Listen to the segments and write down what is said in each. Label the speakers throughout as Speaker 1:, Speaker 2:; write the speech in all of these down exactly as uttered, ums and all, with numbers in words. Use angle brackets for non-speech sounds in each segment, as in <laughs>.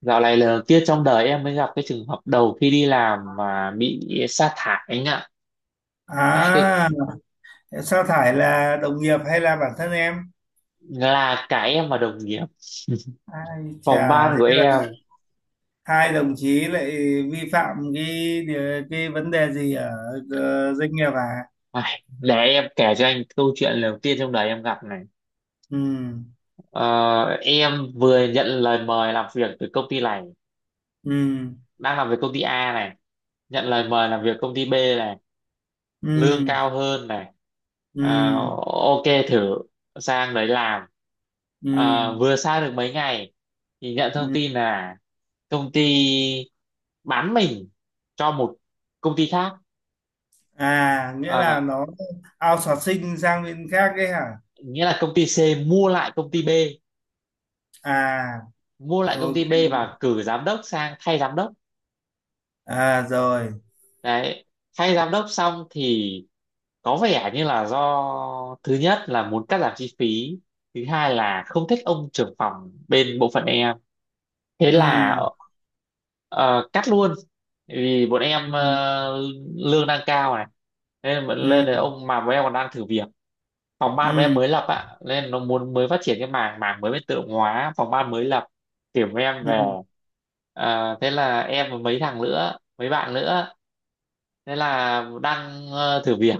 Speaker 1: Dạo này là kia trong đời em mới gặp cái trường hợp đầu khi đi làm mà bị sa thải anh ạ. Ai, Cái,
Speaker 2: À, sa thải là đồng nghiệp hay là bản thân em?
Speaker 1: là cả em và đồng nghiệp, <laughs>
Speaker 2: Ai
Speaker 1: phòng
Speaker 2: chà,
Speaker 1: ban
Speaker 2: thế
Speaker 1: của
Speaker 2: là
Speaker 1: em.
Speaker 2: hai đồng chí lại vi phạm cái điều- cái vấn đề gì ở ờ, doanh nghiệp à?
Speaker 1: Ai, để em kể cho anh câu chuyện đầu tiên trong đời em gặp này.
Speaker 2: Ừ,
Speaker 1: Ờ, em vừa nhận lời mời làm việc từ công ty này,
Speaker 2: ừ,
Speaker 1: đang làm việc công ty A này, nhận lời mời làm việc công ty B này. Lương
Speaker 2: ừ,
Speaker 1: cao hơn này, à,
Speaker 2: ừ,
Speaker 1: ok thử sang đấy làm. À,
Speaker 2: ừ,
Speaker 1: vừa sang được mấy ngày thì nhận thông
Speaker 2: ừ.
Speaker 1: tin là công ty bán mình cho một công ty khác.
Speaker 2: À, nghĩa
Speaker 1: À,
Speaker 2: là nó outsourcing sang bên khác đấy hả?
Speaker 1: nghĩa là công ty C mua lại công ty B,
Speaker 2: À,
Speaker 1: mua lại công ty
Speaker 2: ok.
Speaker 1: B và cử giám đốc sang thay giám đốc.
Speaker 2: À, rồi.
Speaker 1: Đấy, thay giám đốc xong thì có vẻ như là do thứ nhất là muốn cắt giảm chi phí, thứ hai là không thích ông trưởng phòng bên bộ phận em, thế là
Speaker 2: Ừ,
Speaker 1: ờ, cắt luôn. Vì bọn em
Speaker 2: ừ,
Speaker 1: ờ, lương đang cao này, nên
Speaker 2: ừ,
Speaker 1: lên đấy ông mà bọn em còn đang thử việc. Phòng ban của em
Speaker 2: ừ,
Speaker 1: mới lập ạ, nên nó muốn mới phát triển cái mảng mảng mới bên tự động hóa, phòng ban mới lập tuyển của em
Speaker 2: ừ,
Speaker 1: về. À, thế là em và mấy thằng nữa, mấy bạn nữa, thế là đang ờ, thử việc,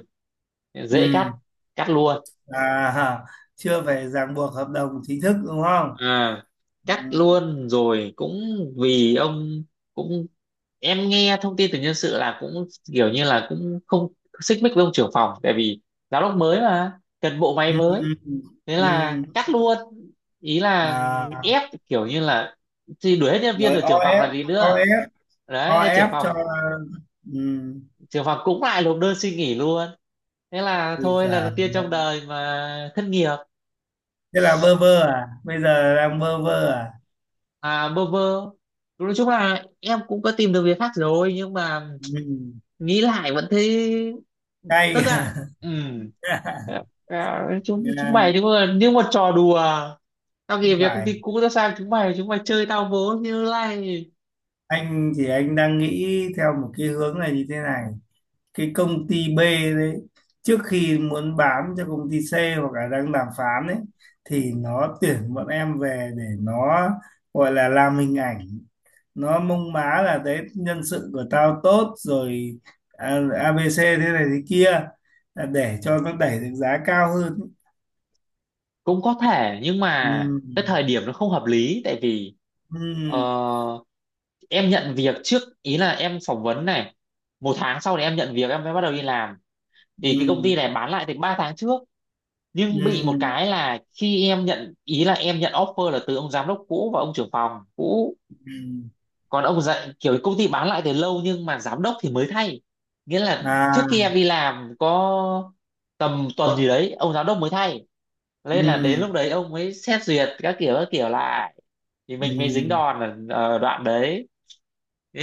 Speaker 1: dễ cắt,
Speaker 2: ừ.
Speaker 1: cắt luôn.
Speaker 2: À, chưa phải ràng buộc hợp đồng chính thức đúng không?
Speaker 1: À,
Speaker 2: Ừ,
Speaker 1: cắt luôn rồi cũng vì ông cũng, em nghe thông tin từ nhân sự là cũng kiểu như là cũng không xích mích với ông trưởng phòng, tại vì giám đốc mới mà cần bộ máy
Speaker 2: ừ,
Speaker 1: mới,
Speaker 2: ừ, ừ.
Speaker 1: thế là
Speaker 2: Ừ.
Speaker 1: cắt luôn. Ý là
Speaker 2: À,
Speaker 1: ép, kiểu như là thì đuổi hết nhân viên
Speaker 2: rồi.
Speaker 1: rồi trưởng phòng
Speaker 2: ô ép,
Speaker 1: là gì nữa.
Speaker 2: ô ép,
Speaker 1: Đấy, thế trưởng
Speaker 2: ô ép cho.
Speaker 1: phòng,
Speaker 2: Ừ.
Speaker 1: trưởng phòng cũng lại nộp đơn xin nghỉ luôn. Thế là
Speaker 2: Ui
Speaker 1: thôi, lần
Speaker 2: giời,
Speaker 1: đầu tiên trong đời mà thất nghiệp.
Speaker 2: thế là bơ vơ à, bây giờ đang bơ vơ à?
Speaker 1: À, bơ vơ, nói chung là em cũng có tìm được việc khác rồi nhưng mà
Speaker 2: Ừ.
Speaker 1: nghĩ lại vẫn thấy
Speaker 2: Cay.
Speaker 1: tức ạ. Ừ. À,
Speaker 2: <laughs>
Speaker 1: à, chúng chúng
Speaker 2: Dạ,
Speaker 1: mày nếu mà như một trò đùa, tao
Speaker 2: không
Speaker 1: nghỉ việc công
Speaker 2: phải.
Speaker 1: ty cũ tao sang chúng mày, chúng mày chơi tao vố như này.
Speaker 2: Anh thì anh đang nghĩ theo một cái hướng này như thế này: cái công ty B đấy, trước khi muốn bán cho công ty C hoặc là đang đàm phán ấy, thì nó tuyển bọn em về để nó gọi là làm hình ảnh, nó mông má là đấy, nhân sự của tao tốt rồi, à, a bê xê thế này thế kia, là để cho nó đẩy được giá cao hơn.
Speaker 1: Cũng có thể nhưng
Speaker 2: Ừ.
Speaker 1: mà cái thời điểm nó không hợp lý, tại vì
Speaker 2: Ừ.
Speaker 1: ờ, em nhận việc trước, ý là em phỏng vấn này, một tháng sau thì em nhận việc, em mới bắt đầu đi làm, thì cái công ty
Speaker 2: Ừ.
Speaker 1: này bán lại từ ba tháng trước. Nhưng bị
Speaker 2: Ừ.
Speaker 1: một cái là khi em nhận, ý là em nhận offer là từ ông giám đốc cũ và ông trưởng phòng cũ.
Speaker 2: Ừ. Ừ.
Speaker 1: Còn ông dạy kiểu công ty bán lại từ lâu nhưng mà giám đốc thì mới thay, nghĩa là trước
Speaker 2: À.
Speaker 1: khi em đi làm có tầm tuần gì đấy ông giám đốc mới thay, nên là đến
Speaker 2: Ừ.
Speaker 1: lúc đấy ông mới xét duyệt các kiểu các kiểu lại, thì mình mới dính
Speaker 2: Ừ.
Speaker 1: đòn ở, ở đoạn đấy,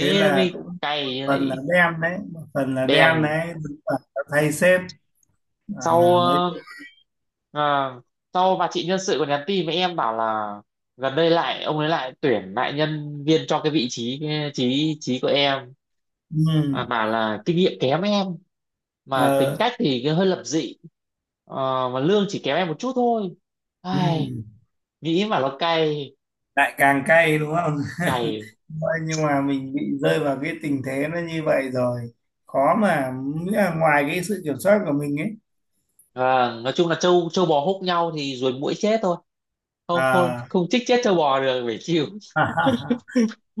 Speaker 2: Thế
Speaker 1: nó
Speaker 2: là
Speaker 1: mới
Speaker 2: cũng một
Speaker 1: cay
Speaker 2: phần là
Speaker 1: lại.
Speaker 2: đen đấy, một phần là đen
Speaker 1: Đen.
Speaker 2: đấy, đúng là đã thay sếp.
Speaker 1: Sau
Speaker 2: À, nói
Speaker 1: ờ,
Speaker 2: chuyện.
Speaker 1: à, sau bà chị nhân sự còn nhắn tin với em bảo là gần đây lại ông ấy lại tuyển lại nhân viên cho cái vị trí cái trí trí của em.
Speaker 2: ừ,
Speaker 1: À, bảo là kinh nghiệm kém em mà tính
Speaker 2: ờ,
Speaker 1: cách thì cứ hơi lập dị. Ờ, mà lương chỉ kém em một chút thôi.
Speaker 2: ừ.
Speaker 1: Ai, nghĩ mà nó cay.
Speaker 2: Lại càng cay đúng không?
Speaker 1: Cày.
Speaker 2: <laughs> Thôi, nhưng mà mình bị rơi vào cái tình thế nó như vậy rồi, khó mà, nghĩa là ngoài cái sự kiểm soát của mình ấy.
Speaker 1: Vâng, nói chung là trâu trâu bò húc nhau thì ruồi muỗi chết thôi, không không
Speaker 2: À.
Speaker 1: không chích chết trâu bò được, phải chịu.
Speaker 2: <laughs>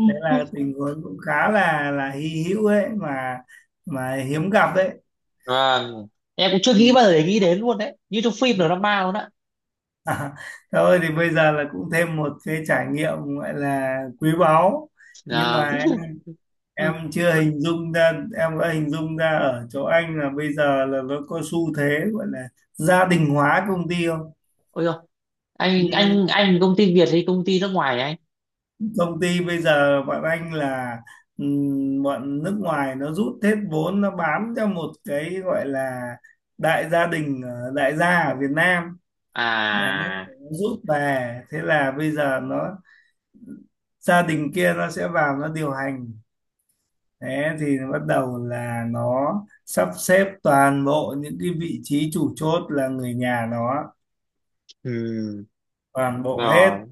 Speaker 2: Đấy là tình huống cũng khá là là hy hữu ấy mà mà hiếm gặp đấy.
Speaker 1: Vâng. Em cũng chưa nghĩ
Speaker 2: Ừ.
Speaker 1: bao giờ để nghĩ đến luôn đấy, như trong phim drama luôn á.
Speaker 2: <laughs> À, thôi thì bây giờ là cũng thêm một cái trải nghiệm gọi là quý báu, nhưng
Speaker 1: Vâng.
Speaker 2: mà
Speaker 1: <laughs>
Speaker 2: em
Speaker 1: Ừ.
Speaker 2: chưa hình dung ra. Em đã hình dung ra ở chỗ anh là bây giờ là nó có xu thế gọi là gia đình hóa công ty không.
Speaker 1: Ôi dồi, anh
Speaker 2: Ừm,
Speaker 1: anh anh công ty Việt hay công ty nước ngoài anh?
Speaker 2: Công ty bây giờ bọn anh là, ừm, bọn nước ngoài nó rút hết vốn, nó bám cho một cái gọi là đại gia đình, ờ, đại gia ở Việt Nam. Đấy, nó
Speaker 1: À,
Speaker 2: rút về, thế là bây giờ nó, gia đình kia nó sẽ vào nó điều hành. Thế thì bắt đầu là nó sắp xếp toàn bộ những cái vị trí chủ chốt là người nhà nó,
Speaker 1: ừ,
Speaker 2: toàn bộ hết.
Speaker 1: rồi,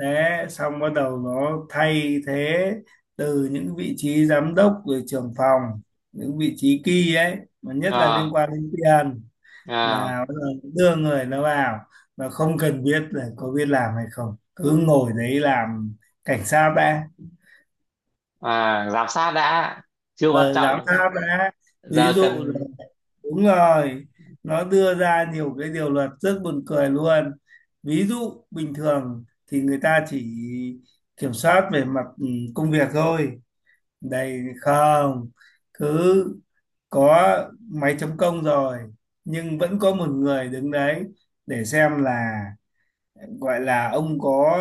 Speaker 2: Thế xong bắt đầu nó thay thế từ những vị trí giám đốc rồi trưởng phòng, những vị trí key ấy, mà nhất là
Speaker 1: à,
Speaker 2: liên quan đến tiền,
Speaker 1: à,
Speaker 2: là bắt đầu đưa người nó vào, và không cần biết là có biết làm hay không, cứ ngồi đấy làm, cảnh sát đã.
Speaker 1: à, giám sát đã, chưa quan
Speaker 2: Ờ, giám
Speaker 1: trọng,
Speaker 2: sát đã. Ví
Speaker 1: giờ
Speaker 2: dụ là,
Speaker 1: cần.
Speaker 2: đúng rồi, nó đưa ra nhiều cái điều luật rất buồn cười luôn. Ví dụ bình thường thì người ta chỉ kiểm soát về mặt ừ, công việc thôi, đây không, cứ có máy chấm công rồi nhưng vẫn có một người đứng đấy để xem là, gọi là ông có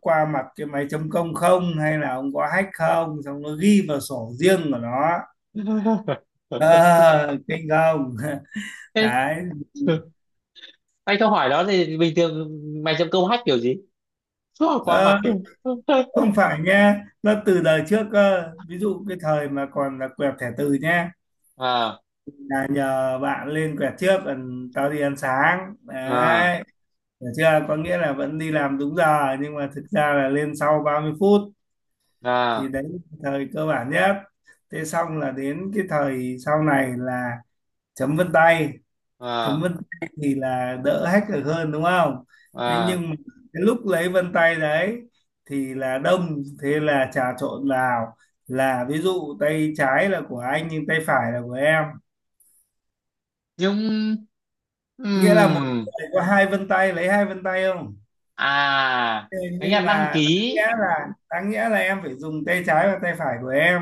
Speaker 2: qua mặt cái máy chấm công không, hay là ông có hack không, xong nó ghi vào sổ riêng của nó.
Speaker 1: <laughs>
Speaker 2: Ờ, kinh không? <laughs>
Speaker 1: Ê,
Speaker 2: Đấy.
Speaker 1: anh câu hỏi đó thì bình thường mày chấm câu hack kiểu gì? <laughs> Qua
Speaker 2: Ờ,
Speaker 1: mặt kìa.
Speaker 2: không phải nha, nó từ đời trước cơ, ví dụ cái thời mà còn là quẹt thẻ từ nha,
Speaker 1: À,
Speaker 2: là nhờ bạn lên quẹt trước còn tao đi ăn sáng
Speaker 1: à,
Speaker 2: đấy, hiểu chưa, có nghĩa là vẫn đi làm đúng giờ nhưng mà thực ra là lên sau ba mươi phút. Thì
Speaker 1: à,
Speaker 2: đấy là thời cơ bản nhất. Thế xong là đến cái thời sau này là chấm vân tay. Chấm
Speaker 1: à,
Speaker 2: vân tay thì là đỡ hack được hơn đúng không. Thế
Speaker 1: à,
Speaker 2: nhưng mà cái lúc lấy vân tay đấy thì là đông, thế là trà trộn vào, là ví dụ tay trái là của anh nhưng tay phải là của em,
Speaker 1: nhưng, ừ,
Speaker 2: nghĩa là một người có hai vân tay, lấy hai vân tay không.
Speaker 1: à,
Speaker 2: Thế
Speaker 1: nghĩa là
Speaker 2: nhưng
Speaker 1: đăng
Speaker 2: mà đáng
Speaker 1: ký,
Speaker 2: nghĩa là, đáng nghĩa là em phải dùng tay trái và tay phải của em.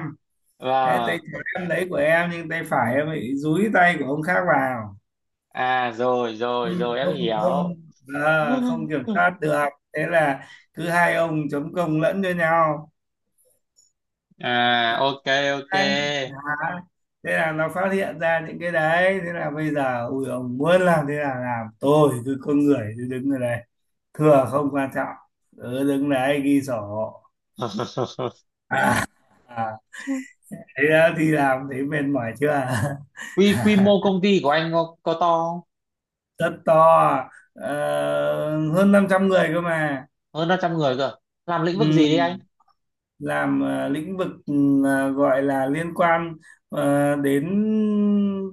Speaker 2: Thế tay
Speaker 1: vâng.
Speaker 2: trái em lấy của em nhưng tay phải em bị dúi tay của ông khác vào.
Speaker 1: À, rồi rồi
Speaker 2: không
Speaker 1: rồi em
Speaker 2: không
Speaker 1: hiểu.
Speaker 2: không À, không kiểm
Speaker 1: <laughs>
Speaker 2: soát được. Thế là cứ hai ông chấm công lẫn cho nhau.
Speaker 1: À, ok, ok.
Speaker 2: Đấy. Đó. Thế là nó phát hiện ra những cái đấy, thế là bây giờ ui ông muốn làm thế là làm, tôi cứ, con người cứ đứng ở đây, thừa không quan trọng, cứ đứng đấy ghi sổ.
Speaker 1: <laughs>
Speaker 2: À, à. Thế đó thì làm thấy mệt mỏi chưa?
Speaker 1: quy quy
Speaker 2: <laughs>
Speaker 1: mô công ty của anh có, có to
Speaker 2: Rất to. ờ, Hơn năm trăm người cơ mà.
Speaker 1: không? Hơn năm trăm người cơ, làm lĩnh vực
Speaker 2: Ừ.
Speaker 1: gì đấy anh?
Speaker 2: Làm ờ, lĩnh vực, ừ, ờ, gọi là liên quan ờ, đến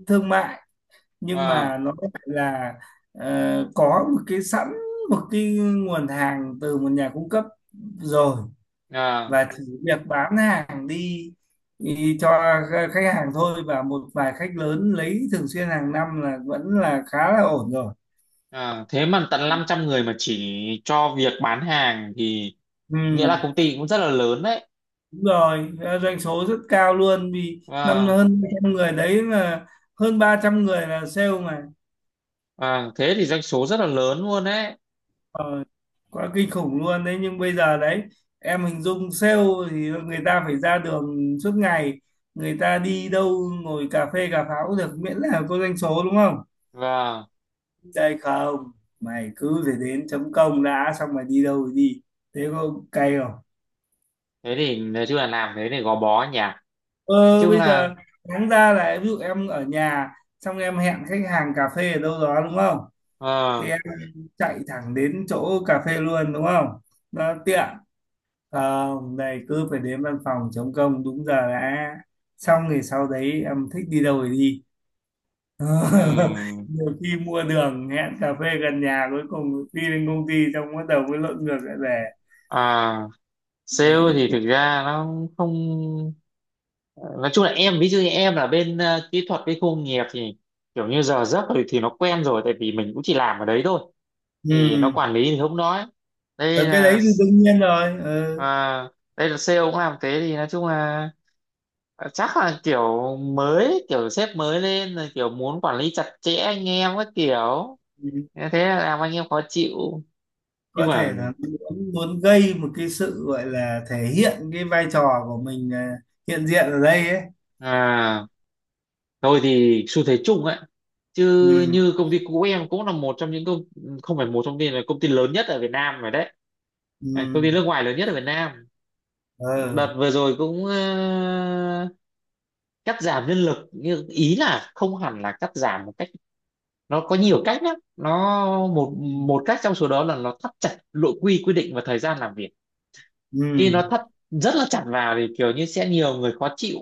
Speaker 2: thương mại, nhưng
Speaker 1: Vâng.
Speaker 2: mà nó lại là, ờ, có một cái sẵn, một cái nguồn hàng từ một nhà cung cấp rồi,
Speaker 1: À,
Speaker 2: và chỉ việc bán hàng đi, đi cho khách hàng thôi, và một vài khách lớn lấy thường xuyên hàng năm là vẫn là khá là ổn rồi.
Speaker 1: à, thế mà tận năm trăm người mà chỉ cho việc bán hàng thì
Speaker 2: Ừ,
Speaker 1: nghĩa là công ty cũng rất là lớn đấy.
Speaker 2: đúng rồi. Ờ, doanh số rất cao luôn, vì năm
Speaker 1: Vâng,
Speaker 2: hơn hai trăm người đấy là, hơn ba trăm người là sale.
Speaker 1: vâng, thế thì doanh số rất là lớn luôn đấy.
Speaker 2: Ờ, quá kinh khủng luôn đấy. Nhưng bây giờ đấy, em hình dung sale thì người ta phải ra đường suốt ngày, người ta đi đâu ngồi cà phê cà pháo được miễn là có doanh số đúng không.
Speaker 1: Vâng,
Speaker 2: Đây không, mày cứ phải đến chấm công đã, xong mày đi đâu thì đi. Thế có cay không?
Speaker 1: thế thì nói chung là làm thế thì gò bó nhỉ, nói
Speaker 2: Ờ,
Speaker 1: chung
Speaker 2: bây
Speaker 1: là,
Speaker 2: giờ đáng ra là ví dụ em ở nhà, xong em hẹn khách hàng cà phê ở đâu đó đúng không, thì
Speaker 1: à,
Speaker 2: em chạy thẳng đến chỗ cà phê luôn đúng không, nó tiện. Không, đây cứ phải đến văn phòng chống công đúng giờ đã. Xong thì sau đấy em thích đi đâu thì đi. <laughs>
Speaker 1: ừm,
Speaker 2: Nhiều khi mua đường hẹn cà phê gần nhà, cuối cùng đi đến công ty xong bắt đầu mới lộn ngược lại về.
Speaker 1: à, sale thì thực ra nó không, ờ, nói chung là em ví dụ như em là bên ờ, kỹ thuật với khu công nghiệp thì kiểu như giờ giấc thì, thì nó quen rồi tại vì mình cũng chỉ làm ở đấy thôi, thì nó
Speaker 2: Ừ.
Speaker 1: quản lý thì không nói. Đây
Speaker 2: Ở cái đấy
Speaker 1: là,
Speaker 2: thì đương nhiên rồi. Ừ.
Speaker 1: à, đây là sale cũng làm thế thì nói chung là ờ, chắc là kiểu mới, kiểu sếp mới lên rồi kiểu muốn quản lý chặt chẽ anh em các kiểu,
Speaker 2: Ừ.
Speaker 1: thế thế là làm anh em khó chịu. Nhưng
Speaker 2: Có thể
Speaker 1: mà,
Speaker 2: là muốn, muốn gây một cái sự gọi là thể hiện cái vai trò của mình, ờ, hiện diện ở đây ấy.
Speaker 1: à, thôi thì xu thế chung ấy chứ.
Speaker 2: Ừ.
Speaker 1: Như công ty cũ em cũng là một trong những công, không phải một trong những, là công ty lớn nhất ở Việt Nam rồi đấy. À, công
Speaker 2: Ừ.
Speaker 1: ty nước ngoài lớn nhất ở Việt Nam.
Speaker 2: Ừ.
Speaker 1: Đợt vừa rồi cũng ờ, cắt giảm nhân lực, nhưng ý là không hẳn là cắt giảm một cách, nó có nhiều cách lắm, nó
Speaker 2: Ừ.
Speaker 1: một một cách trong số đó là nó thắt chặt nội quy quy định và thời gian làm việc. Khi
Speaker 2: Ừ.
Speaker 1: nó thắt rất là chặt vào thì kiểu như sẽ nhiều người khó chịu,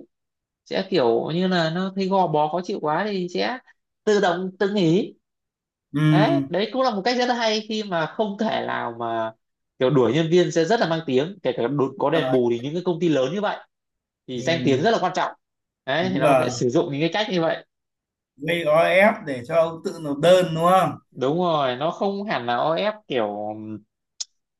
Speaker 1: sẽ kiểu như là nó thấy gò bó khó chịu quá thì sẽ tự động tự nghỉ.
Speaker 2: Ừ.
Speaker 1: Đấy, đấy cũng là một cách rất là hay, khi mà không thể nào mà kiểu đuổi nhân viên sẽ rất là mang tiếng, kể cả đột- có đền
Speaker 2: Rồi.
Speaker 1: bù thì những cái công ty lớn như vậy
Speaker 2: Ừ.
Speaker 1: thì danh tiếng rất là quan trọng. Đấy thì
Speaker 2: Đúng
Speaker 1: nó sẽ
Speaker 2: là
Speaker 1: sử dụng những cái cách như vậy.
Speaker 2: gây o ép để cho ông tự nộp đơn đúng không.
Speaker 1: Đúng rồi, nó không hẳn là o ép kiểu ừm,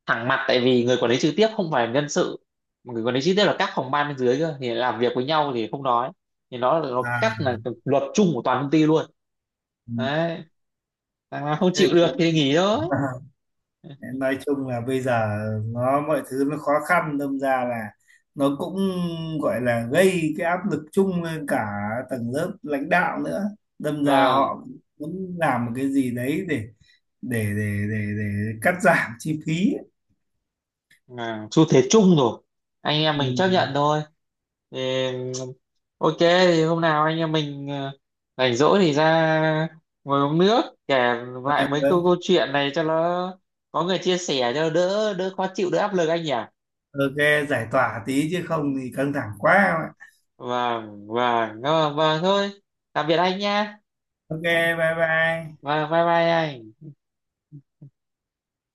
Speaker 1: thẳng mặt, tại vì người quản lý trực tiếp không phải nhân sự, mà người quản lý trực tiếp là các phòng ban bên dưới cơ, thì làm việc với nhau thì không nói, thì nó nó
Speaker 2: À,
Speaker 1: cắt là luật chung của toàn công ty luôn. Đấy, thằng nào không
Speaker 2: thế
Speaker 1: chịu
Speaker 2: thì
Speaker 1: được
Speaker 2: cũng
Speaker 1: thì nghỉ thôi.
Speaker 2: <laughs> nói chung là bây giờ nó mọi thứ nó khó khăn, đâm ra là nó cũng gọi là gây cái áp lực chung lên cả tầng lớp lãnh đạo nữa, đâm ra
Speaker 1: Vâng,
Speaker 2: họ muốn làm một cái gì đấy để để để để, để cắt giảm chi phí ấy.
Speaker 1: à, xu thế chung rồi, anh em
Speaker 2: Ừ.
Speaker 1: mình chấp nhận thôi. Thì ok thì hôm nào anh em mình ờ, rảnh rỗi thì ra ngồi uống nước, kể lại mấy
Speaker 2: Đấy.
Speaker 1: câu câu chuyện này cho nó có người chia sẻ cho đỡ đỡ khó chịu, đỡ áp lực anh nhỉ.
Speaker 2: Ok, giải tỏa tí chứ không thì căng thẳng quá em ạ.
Speaker 1: Vâng vâng vâng vâng, thôi, tạm biệt anh nha.
Speaker 2: Ok, bye bye.
Speaker 1: Vâng, bye bye anh.